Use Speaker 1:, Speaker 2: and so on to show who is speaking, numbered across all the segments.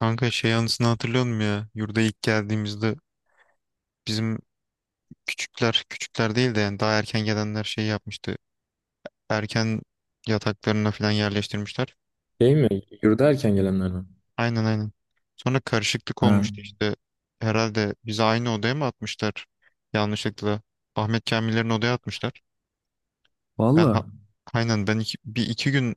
Speaker 1: Kanka şey anısını hatırlıyor musun ya? Yurda ilk geldiğimizde bizim küçükler, küçükler değil de yani daha erken gelenler şey yapmıştı. Erken yataklarına falan yerleştirmişler.
Speaker 2: Şey mi? Yurda erken gelenler mi?
Speaker 1: Aynen, aynen. Sonra karışıklık
Speaker 2: Ha,
Speaker 1: olmuştu işte. Herhalde bizi aynı odaya mı atmışlar? Yanlışlıkla. Ahmet Kamiller'in odaya atmışlar. Ben ha-
Speaker 2: valla.
Speaker 1: aynen, ben bir iki gün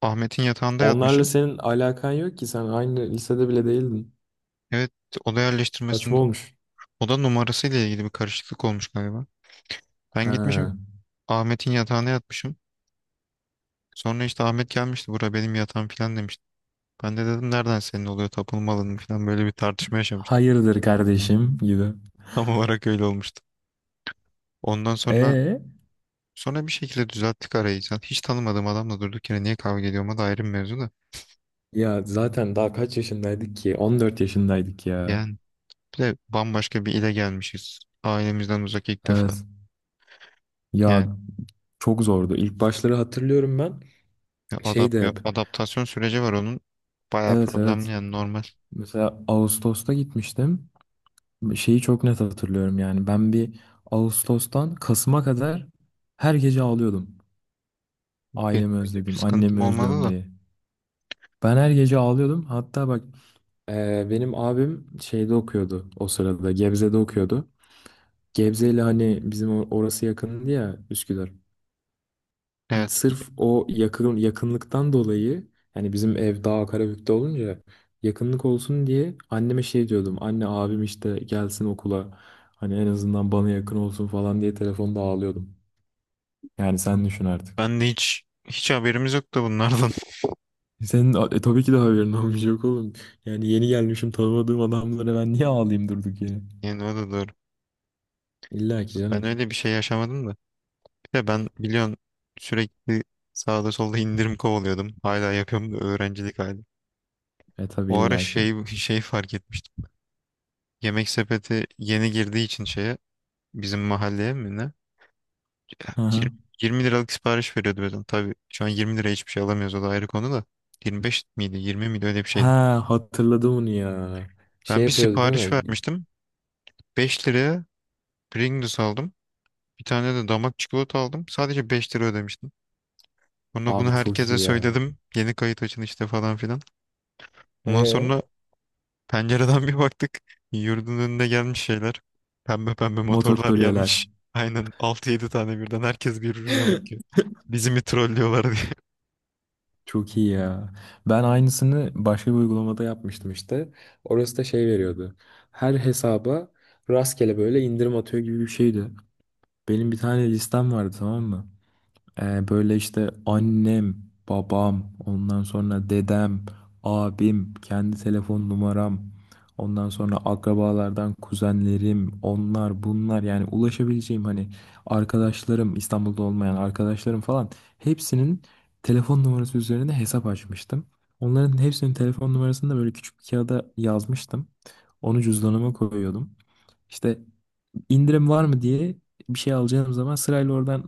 Speaker 1: Ahmet'in yatağında
Speaker 2: Onlarla
Speaker 1: yatmışım.
Speaker 2: senin alakan yok ki sen aynı lisede bile değildin.
Speaker 1: Evet, oda
Speaker 2: Saçma
Speaker 1: yerleştirmesinde
Speaker 2: olmuş.
Speaker 1: oda numarasıyla ilgili bir karışıklık olmuş galiba. Ben gitmişim
Speaker 2: Ha.
Speaker 1: Ahmet'in yatağına yatmışım. Sonra işte Ahmet gelmişti, bura benim yatağım falan demişti. Ben de dedim nereden senin oluyor, tapınma alanın falan, böyle bir tartışma yaşamıştık.
Speaker 2: Hayırdır kardeşim gibi.
Speaker 1: Tam olarak öyle olmuştu. Ondan sonra
Speaker 2: E,
Speaker 1: sonra bir şekilde düzelttik arayı. Zaten hiç tanımadığım adamla durduk yere niye kavga ediyorma da ayrı bir mevzu da.
Speaker 2: ya zaten daha kaç yaşındaydık ki? 14 yaşındaydık ya.
Speaker 1: Yani bir de bambaşka bir ile gelmişiz. Ailemizden uzak ilk defa.
Speaker 2: Evet.
Speaker 1: Yani
Speaker 2: Ya, çok zordu. İlk başları hatırlıyorum ben.
Speaker 1: bir adap
Speaker 2: Şey de hep.
Speaker 1: adaptasyon süreci var onun. Bayağı
Speaker 2: Evet,
Speaker 1: problemli
Speaker 2: evet.
Speaker 1: yani, normal.
Speaker 2: Mesela Ağustos'ta gitmiştim. Şeyi çok net hatırlıyorum yani. Ben bir Ağustos'tan Kasım'a kadar her gece ağlıyordum.
Speaker 1: Benim
Speaker 2: Ailemi
Speaker 1: öyle bir
Speaker 2: özledim,
Speaker 1: sıkıntım
Speaker 2: annemi
Speaker 1: olmadı
Speaker 2: özlüyorum
Speaker 1: da.
Speaker 2: diye. Ben her gece ağlıyordum. Hatta bak, benim abim şeyde okuyordu o sırada. Gebze'de okuyordu. Gebze ile hani bizim orası yakındı ya, Üsküdar.
Speaker 1: Evet.
Speaker 2: Sırf o yakın, yakınlıktan dolayı yani bizim ev daha Karabük'te olunca yakınlık olsun diye anneme şey diyordum. Anne abim işte gelsin okula, hani en azından bana yakın olsun falan diye telefonda ağlıyordum. Yani sen düşün artık.
Speaker 1: Ben de hiç haberimiz yoktu bunlardan.
Speaker 2: Senin tabii ki de haberin olmuş yok oğlum. Yani yeni gelmişim, tanımadığım adamlara ben niye ağlayayım durduk yere?
Speaker 1: Yani o da doğru.
Speaker 2: İlla ki
Speaker 1: Ben
Speaker 2: canım.
Speaker 1: öyle bir şey yaşamadım da. Bir de ben biliyorsun, sürekli sağda solda indirim kovalıyordum. Hala yapıyorum da, öğrencilik hali.
Speaker 2: E tabii,
Speaker 1: O ara
Speaker 2: illa ki.
Speaker 1: şey şey fark etmiştim. Yemek sepeti yeni girdiği için şeye, bizim mahalleye mi ne?
Speaker 2: Hı
Speaker 1: Yir-
Speaker 2: hı.
Speaker 1: 20 liralık sipariş veriyordu mesela. Tabii şu an 20 liraya hiçbir şey alamıyoruz, o da ayrı konu da. 25 miydi, 20 miydi, öyle bir şeydi.
Speaker 2: Ha, hatırladım onu ya. Şey
Speaker 1: Ben bir
Speaker 2: yapıyordu değil
Speaker 1: sipariş
Speaker 2: mi?
Speaker 1: vermiştim. 5 liraya Pringles aldım. Bir tane de damak çikolata aldım. Sadece 5 lira ödemiştim. Bunu
Speaker 2: Abi çok
Speaker 1: herkese
Speaker 2: iyi ya.
Speaker 1: söyledim. Yeni kayıt açın işte falan filan. Ondan
Speaker 2: Ee?
Speaker 1: sonra pencereden bir baktık. Yurdun önüne gelmiş şeyler. Pembe pembe motorlar
Speaker 2: Motokuryeler.
Speaker 1: gelmiş. Aynen, altı yedi tane birden, herkes birbirine bakıyor. Bizi mi trollüyorlar diye.
Speaker 2: Çok iyi ya. Ben aynısını başka bir uygulamada yapmıştım işte. Orası da şey veriyordu. Her hesaba rastgele böyle indirim atıyor gibi bir şeydi. Benim bir tane listem vardı, tamam mı? Böyle işte annem, babam, ondan sonra dedem, abim, kendi telefon numaram, ondan sonra akrabalardan kuzenlerim, onlar bunlar, yani ulaşabileceğim hani arkadaşlarım, İstanbul'da olmayan arkadaşlarım falan, hepsinin telefon numarası üzerine hesap açmıştım. Onların hepsinin telefon numarasını da böyle küçük bir kağıda yazmıştım. Onu cüzdanıma koyuyordum. İşte indirim var mı diye bir şey alacağım zaman sırayla oradan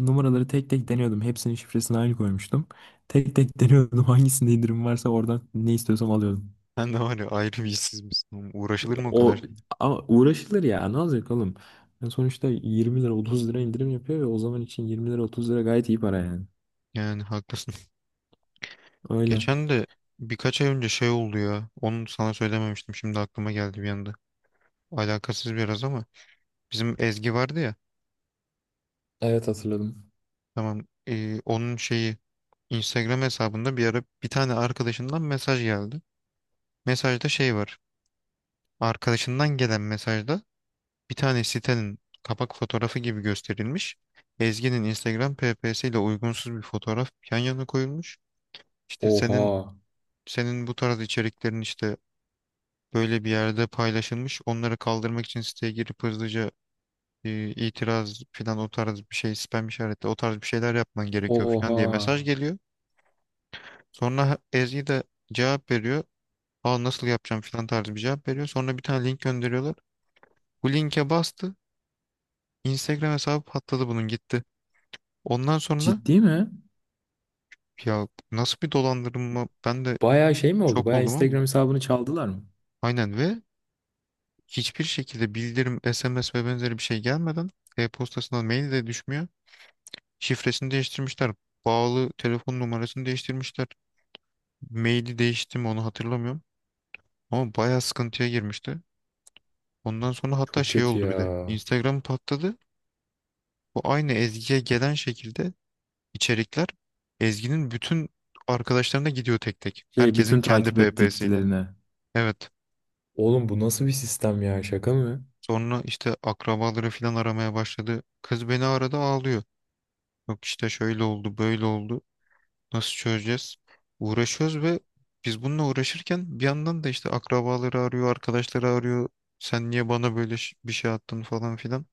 Speaker 2: numaraları tek tek deniyordum. Hepsinin şifresini aynı koymuştum. Tek tek deniyordum, hangisinde indirim varsa oradan ne istiyorsam alıyordum.
Speaker 1: Ben de var ya, ayrı bir işsiz misin oğlum? Uğraşılır mı o kadar?
Speaker 2: O ama uğraşılır ya, ne olacak oğlum? Yani sonuçta 20 lira 30 lira indirim yapıyor ve o zaman için 20 lira 30 lira gayet iyi para yani.
Speaker 1: Yani haklısın.
Speaker 2: Öyle.
Speaker 1: Geçen de, birkaç ay önce şey oldu ya. Onu sana söylememiştim. Şimdi aklıma geldi bir anda. Alakasız biraz ama. Bizim Ezgi vardı ya.
Speaker 2: Evet, hatırladım.
Speaker 1: Tamam. Onun şeyi, Instagram hesabında bir ara bir tane arkadaşından mesaj geldi. Mesajda şey var. Arkadaşından gelen mesajda bir tane sitenin kapak fotoğrafı gibi gösterilmiş. Ezgi'nin Instagram PPS ile uygunsuz bir fotoğraf yan yana koyulmuş. İşte senin
Speaker 2: Oha.
Speaker 1: senin bu tarz içeriklerin işte böyle bir yerde paylaşılmış. Onları kaldırmak için siteye girip hızlıca itiraz falan, o tarz bir şey, spam işareti, o tarz bir şeyler yapman gerekiyor falan diye
Speaker 2: Oha.
Speaker 1: mesaj geliyor. Sonra Ezgi de cevap veriyor. Aa, nasıl yapacağım filan tarzı bir cevap veriyor. Sonra bir tane link gönderiyorlar. Bu linke bastı. Instagram hesabı patladı, bunun gitti. Ondan sonra,
Speaker 2: Ciddi mi?
Speaker 1: ya nasıl bir dolandırma, ben de
Speaker 2: Bayağı şey mi oldu?
Speaker 1: şok
Speaker 2: Bayağı
Speaker 1: oldum ama.
Speaker 2: Instagram hesabını çaldılar mı?
Speaker 1: Aynen, ve hiçbir şekilde bildirim, SMS ve benzeri bir şey gelmeden, e-postasına mail de düşmüyor. Şifresini değiştirmişler. Bağlı telefon numarasını değiştirmişler. Maili değişti mi, onu hatırlamıyorum. Ama bayağı sıkıntıya girmişti. Ondan sonra hatta
Speaker 2: Çok
Speaker 1: şey
Speaker 2: kötü
Speaker 1: oldu bir de.
Speaker 2: ya.
Speaker 1: Instagram patladı. Bu aynı Ezgi'ye gelen şekilde içerikler, Ezgi'nin bütün arkadaşlarına gidiyor tek tek.
Speaker 2: Şey,
Speaker 1: Herkesin
Speaker 2: bütün
Speaker 1: kendi
Speaker 2: takip
Speaker 1: PP'siyle.
Speaker 2: ettiklerine.
Speaker 1: Evet.
Speaker 2: Oğlum bu nasıl bir sistem ya, şaka mı?
Speaker 1: Sonra işte akrabaları falan aramaya başladı. Kız beni arada ağlıyor. Yok işte şöyle oldu, böyle oldu. Nasıl çözeceğiz? Uğraşıyoruz ve biz bununla uğraşırken bir yandan da işte akrabaları arıyor, arkadaşları arıyor. Sen niye bana böyle bir şey attın falan filan.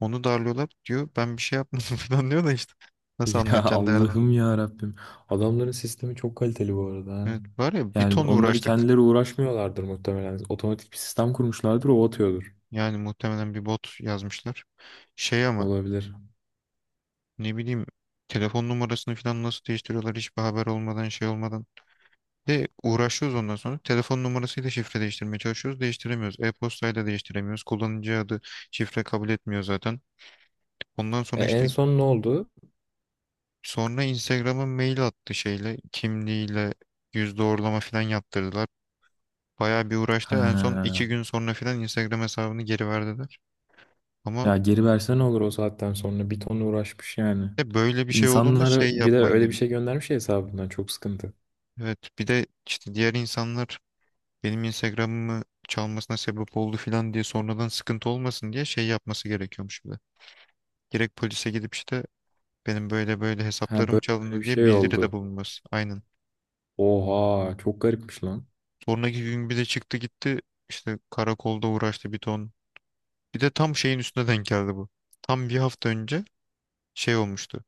Speaker 1: Onu darlıyorlar diyor. Ben bir şey yapmadım falan diyor da işte. Nasıl
Speaker 2: Ya
Speaker 1: anlatacaksın, derdin.
Speaker 2: Allah'ım ya Rabbim. Adamların sistemi çok kaliteli bu arada, ha.
Speaker 1: Evet, var ya bir
Speaker 2: Yani
Speaker 1: ton
Speaker 2: onları
Speaker 1: uğraştık.
Speaker 2: kendileri uğraşmıyorlardır muhtemelen. Otomatik bir sistem kurmuşlardır, o atıyordur.
Speaker 1: Yani muhtemelen bir bot yazmışlar. Şey ama,
Speaker 2: Olabilir.
Speaker 1: ne bileyim, telefon numarasını falan nasıl değiştiriyorlar hiçbir haber olmadan, şey olmadan. De uğraşıyoruz ondan sonra. Telefon numarasıyla şifre değiştirmeye çalışıyoruz. Değiştiremiyoruz. E-postayla değiştiremiyoruz. Kullanıcı adı, şifre kabul etmiyor zaten. Ondan
Speaker 2: E,
Speaker 1: sonra
Speaker 2: en
Speaker 1: işte,
Speaker 2: son ne oldu?
Speaker 1: Instagram'a mail attı, şeyle, kimliğiyle yüz doğrulama falan yaptırdılar. Bayağı bir uğraştı. En son
Speaker 2: Ha.
Speaker 1: 2 gün sonra falan Instagram hesabını geri verdiler. Ama.
Speaker 2: Ya geri verse ne olur, o saatten sonra bir ton uğraşmış yani.
Speaker 1: De böyle bir şey olduğunda
Speaker 2: İnsanlara
Speaker 1: şey
Speaker 2: bir de
Speaker 1: yapman
Speaker 2: öyle bir
Speaker 1: gerek.
Speaker 2: şey göndermiş ya hesabından, çok sıkıntı.
Speaker 1: Evet, bir de işte diğer insanlar benim Instagram'ımı çalmasına sebep oldu falan diye sonradan sıkıntı olmasın diye şey yapması gerekiyormuş bir de. Direkt polise gidip işte benim böyle böyle
Speaker 2: Ha,
Speaker 1: hesaplarım
Speaker 2: böyle böyle bir
Speaker 1: çalındı diye
Speaker 2: şey
Speaker 1: bildiride
Speaker 2: oldu.
Speaker 1: bulunması. Aynen.
Speaker 2: Oha, çok garipmiş lan.
Speaker 1: Sonraki gün bir de çıktı gitti, işte karakolda uğraştı bir ton. Bir de tam şeyin üstüne denk geldi bu. Tam bir hafta önce şey olmuştu.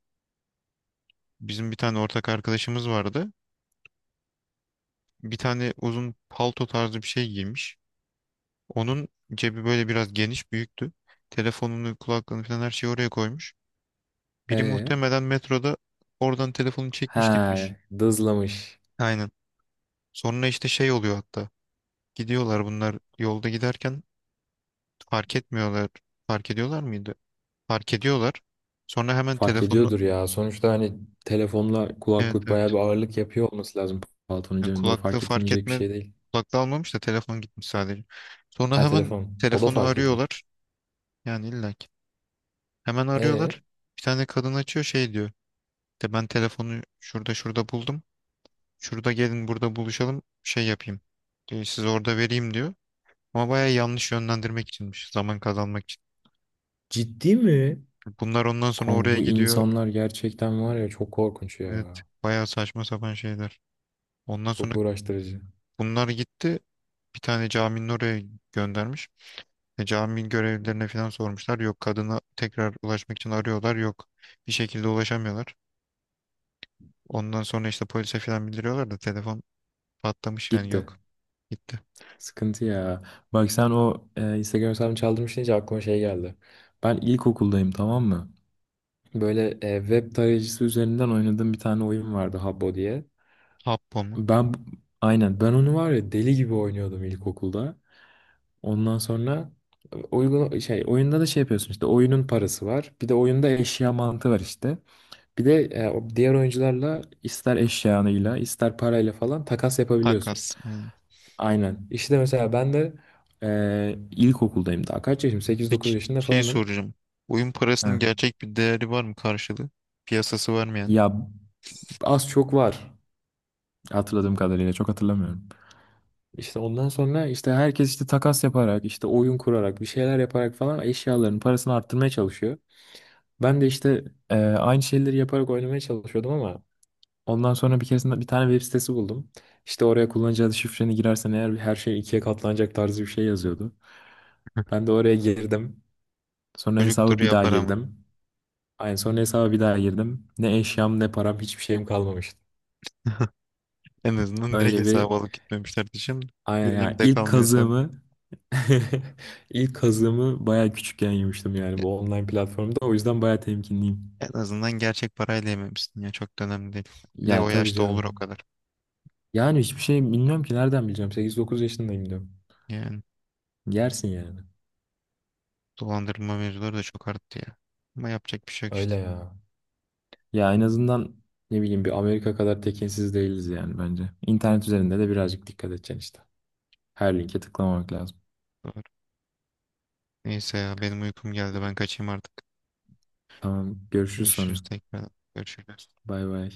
Speaker 1: Bizim bir tane ortak arkadaşımız vardı. Bir tane uzun palto tarzı bir şey giymiş. Onun cebi böyle biraz geniş büyüktü. Telefonunu, kulaklığını falan her şeyi oraya koymuş. Biri
Speaker 2: E,
Speaker 1: muhtemelen metroda oradan telefonu çekmiş
Speaker 2: ha,
Speaker 1: gitmiş.
Speaker 2: dızlamış.
Speaker 1: Aynen. Sonra işte şey oluyor hatta. Gidiyorlar bunlar, yolda giderken fark etmiyorlar. Fark ediyorlar mıydı? Fark ediyorlar. Sonra hemen
Speaker 2: Fark
Speaker 1: telefonu.
Speaker 2: ediyordur ya. Sonuçta hani telefonla
Speaker 1: Evet,
Speaker 2: kulaklık bayağı bir
Speaker 1: evet.
Speaker 2: ağırlık yapıyor olması lazım, paltonun
Speaker 1: Yani
Speaker 2: cebinde. O
Speaker 1: kulaklığı
Speaker 2: fark
Speaker 1: fark
Speaker 2: edilmeyecek bir
Speaker 1: etme,
Speaker 2: şey değil.
Speaker 1: kulaklığı almamış da telefon gitmiş sadece. Sonra
Speaker 2: Ha,
Speaker 1: hemen
Speaker 2: telefon. O da
Speaker 1: telefonu
Speaker 2: fark edilir.
Speaker 1: arıyorlar. Yani illaki. Hemen
Speaker 2: E,
Speaker 1: arıyorlar. Bir tane kadın açıyor, şey diyor. De ben telefonu şurada şurada buldum. Şurada gelin, burada buluşalım, şey yapayım. Diyor, size orada vereyim diyor. Ama baya yanlış yönlendirmek içinmiş. Zaman kazanmak için.
Speaker 2: ciddi mi?
Speaker 1: Bunlar ondan sonra
Speaker 2: Kanka
Speaker 1: oraya
Speaker 2: bu
Speaker 1: gidiyor.
Speaker 2: insanlar gerçekten var ya, çok korkunç
Speaker 1: Evet,
Speaker 2: ya.
Speaker 1: baya saçma sapan şeyler. Ondan sonra
Speaker 2: Çok uğraştırıcı.
Speaker 1: bunlar gitti. Bir tane caminin oraya göndermiş. Cami görevlilerine falan sormuşlar. Yok, kadına tekrar ulaşmak için arıyorlar. Yok, bir şekilde ulaşamıyorlar. Ondan sonra işte polise falan bildiriyorlar da telefon patlamış yani,
Speaker 2: Gitti.
Speaker 1: yok. Gitti.
Speaker 2: Sıkıntı ya. Bak sen o, Instagram hesabını çaldırmış deyince aklıma şey geldi. Ben ilkokuldayım, tamam mı? Böyle web tarayıcısı üzerinden oynadığım bir tane oyun vardı, Habbo diye.
Speaker 1: Habbo mu?
Speaker 2: Ben aynen ben onu var ya deli gibi oynuyordum ilkokulda. Ondan sonra uygun şey, oyunda da şey yapıyorsun işte, oyunun parası var. Bir de oyunda eşya mantığı var işte. Bir de o diğer oyuncularla ister eşyanıyla ister parayla falan takas yapabiliyorsun.
Speaker 1: Takas. Hı.
Speaker 2: Aynen. İşte mesela ben de ilkokuldayım daha. Kaç yaşım? 8-9
Speaker 1: Peki
Speaker 2: yaşında
Speaker 1: şey
Speaker 2: falanım.
Speaker 1: soracağım. Oyun parasının
Speaker 2: Ha.
Speaker 1: gerçek bir değeri var mı, karşılığı? Piyasası varmayan.
Speaker 2: Ya az çok var hatırladığım kadarıyla. Çok hatırlamıyorum. İşte ondan sonra işte herkes işte takas yaparak işte oyun kurarak bir şeyler yaparak falan eşyaların parasını arttırmaya çalışıyor. Ben de işte aynı şeyleri yaparak oynamaya çalışıyordum ama ondan sonra bir keresinde bir tane web sitesi buldum. İşte oraya kullanıcı adı şifreni girersen eğer her şey ikiye katlanacak tarzı bir şey yazıyordu. Ben de oraya girdim. Sonra
Speaker 1: Çocuktur
Speaker 2: hesabı bir daha
Speaker 1: yapar ama.
Speaker 2: girdim. Aynı, sonra hesaba bir daha girdim. Ne eşyam ne param hiçbir şeyim kalmamıştı.
Speaker 1: En azından direkt
Speaker 2: Öyle bir
Speaker 1: hesabı alıp gitmemişler diyeceğim de.
Speaker 2: Aynen,
Speaker 1: Bir
Speaker 2: yani
Speaker 1: önemi de
Speaker 2: ilk
Speaker 1: kalmıyor hesabın.
Speaker 2: kazığımı ilk kazığımı bayağı küçükken yemiştim yani,
Speaker 1: Ya,
Speaker 2: bu online platformda. O yüzden bayağı temkinliyim.
Speaker 1: en azından gerçek parayla yememişsin ya. Çok da önemli değil. Bir de
Speaker 2: Ya
Speaker 1: o
Speaker 2: tabii
Speaker 1: yaşta olur o
Speaker 2: canım.
Speaker 1: kadar.
Speaker 2: Yani hiçbir şey bilmiyorum ki, nereden bileceğim. 8-9 yaşındayım diyorum.
Speaker 1: Yani
Speaker 2: Yersin yani.
Speaker 1: dolandırma mevzuları da çok arttı ya. Ama yapacak bir şey yok
Speaker 2: Öyle
Speaker 1: işte.
Speaker 2: ya. Ya en azından ne bileyim, bir Amerika kadar tekinsiz değiliz yani, bence. İnternet üzerinde de birazcık dikkat edeceksin işte. Her linke tıklamamak lazım.
Speaker 1: Doğru. Neyse ya, benim uykum geldi. Ben kaçayım artık.
Speaker 2: Tamam, görüşürüz
Speaker 1: Görüşürüz
Speaker 2: sonra.
Speaker 1: tekrar. Görüşürüz.
Speaker 2: Bay bay.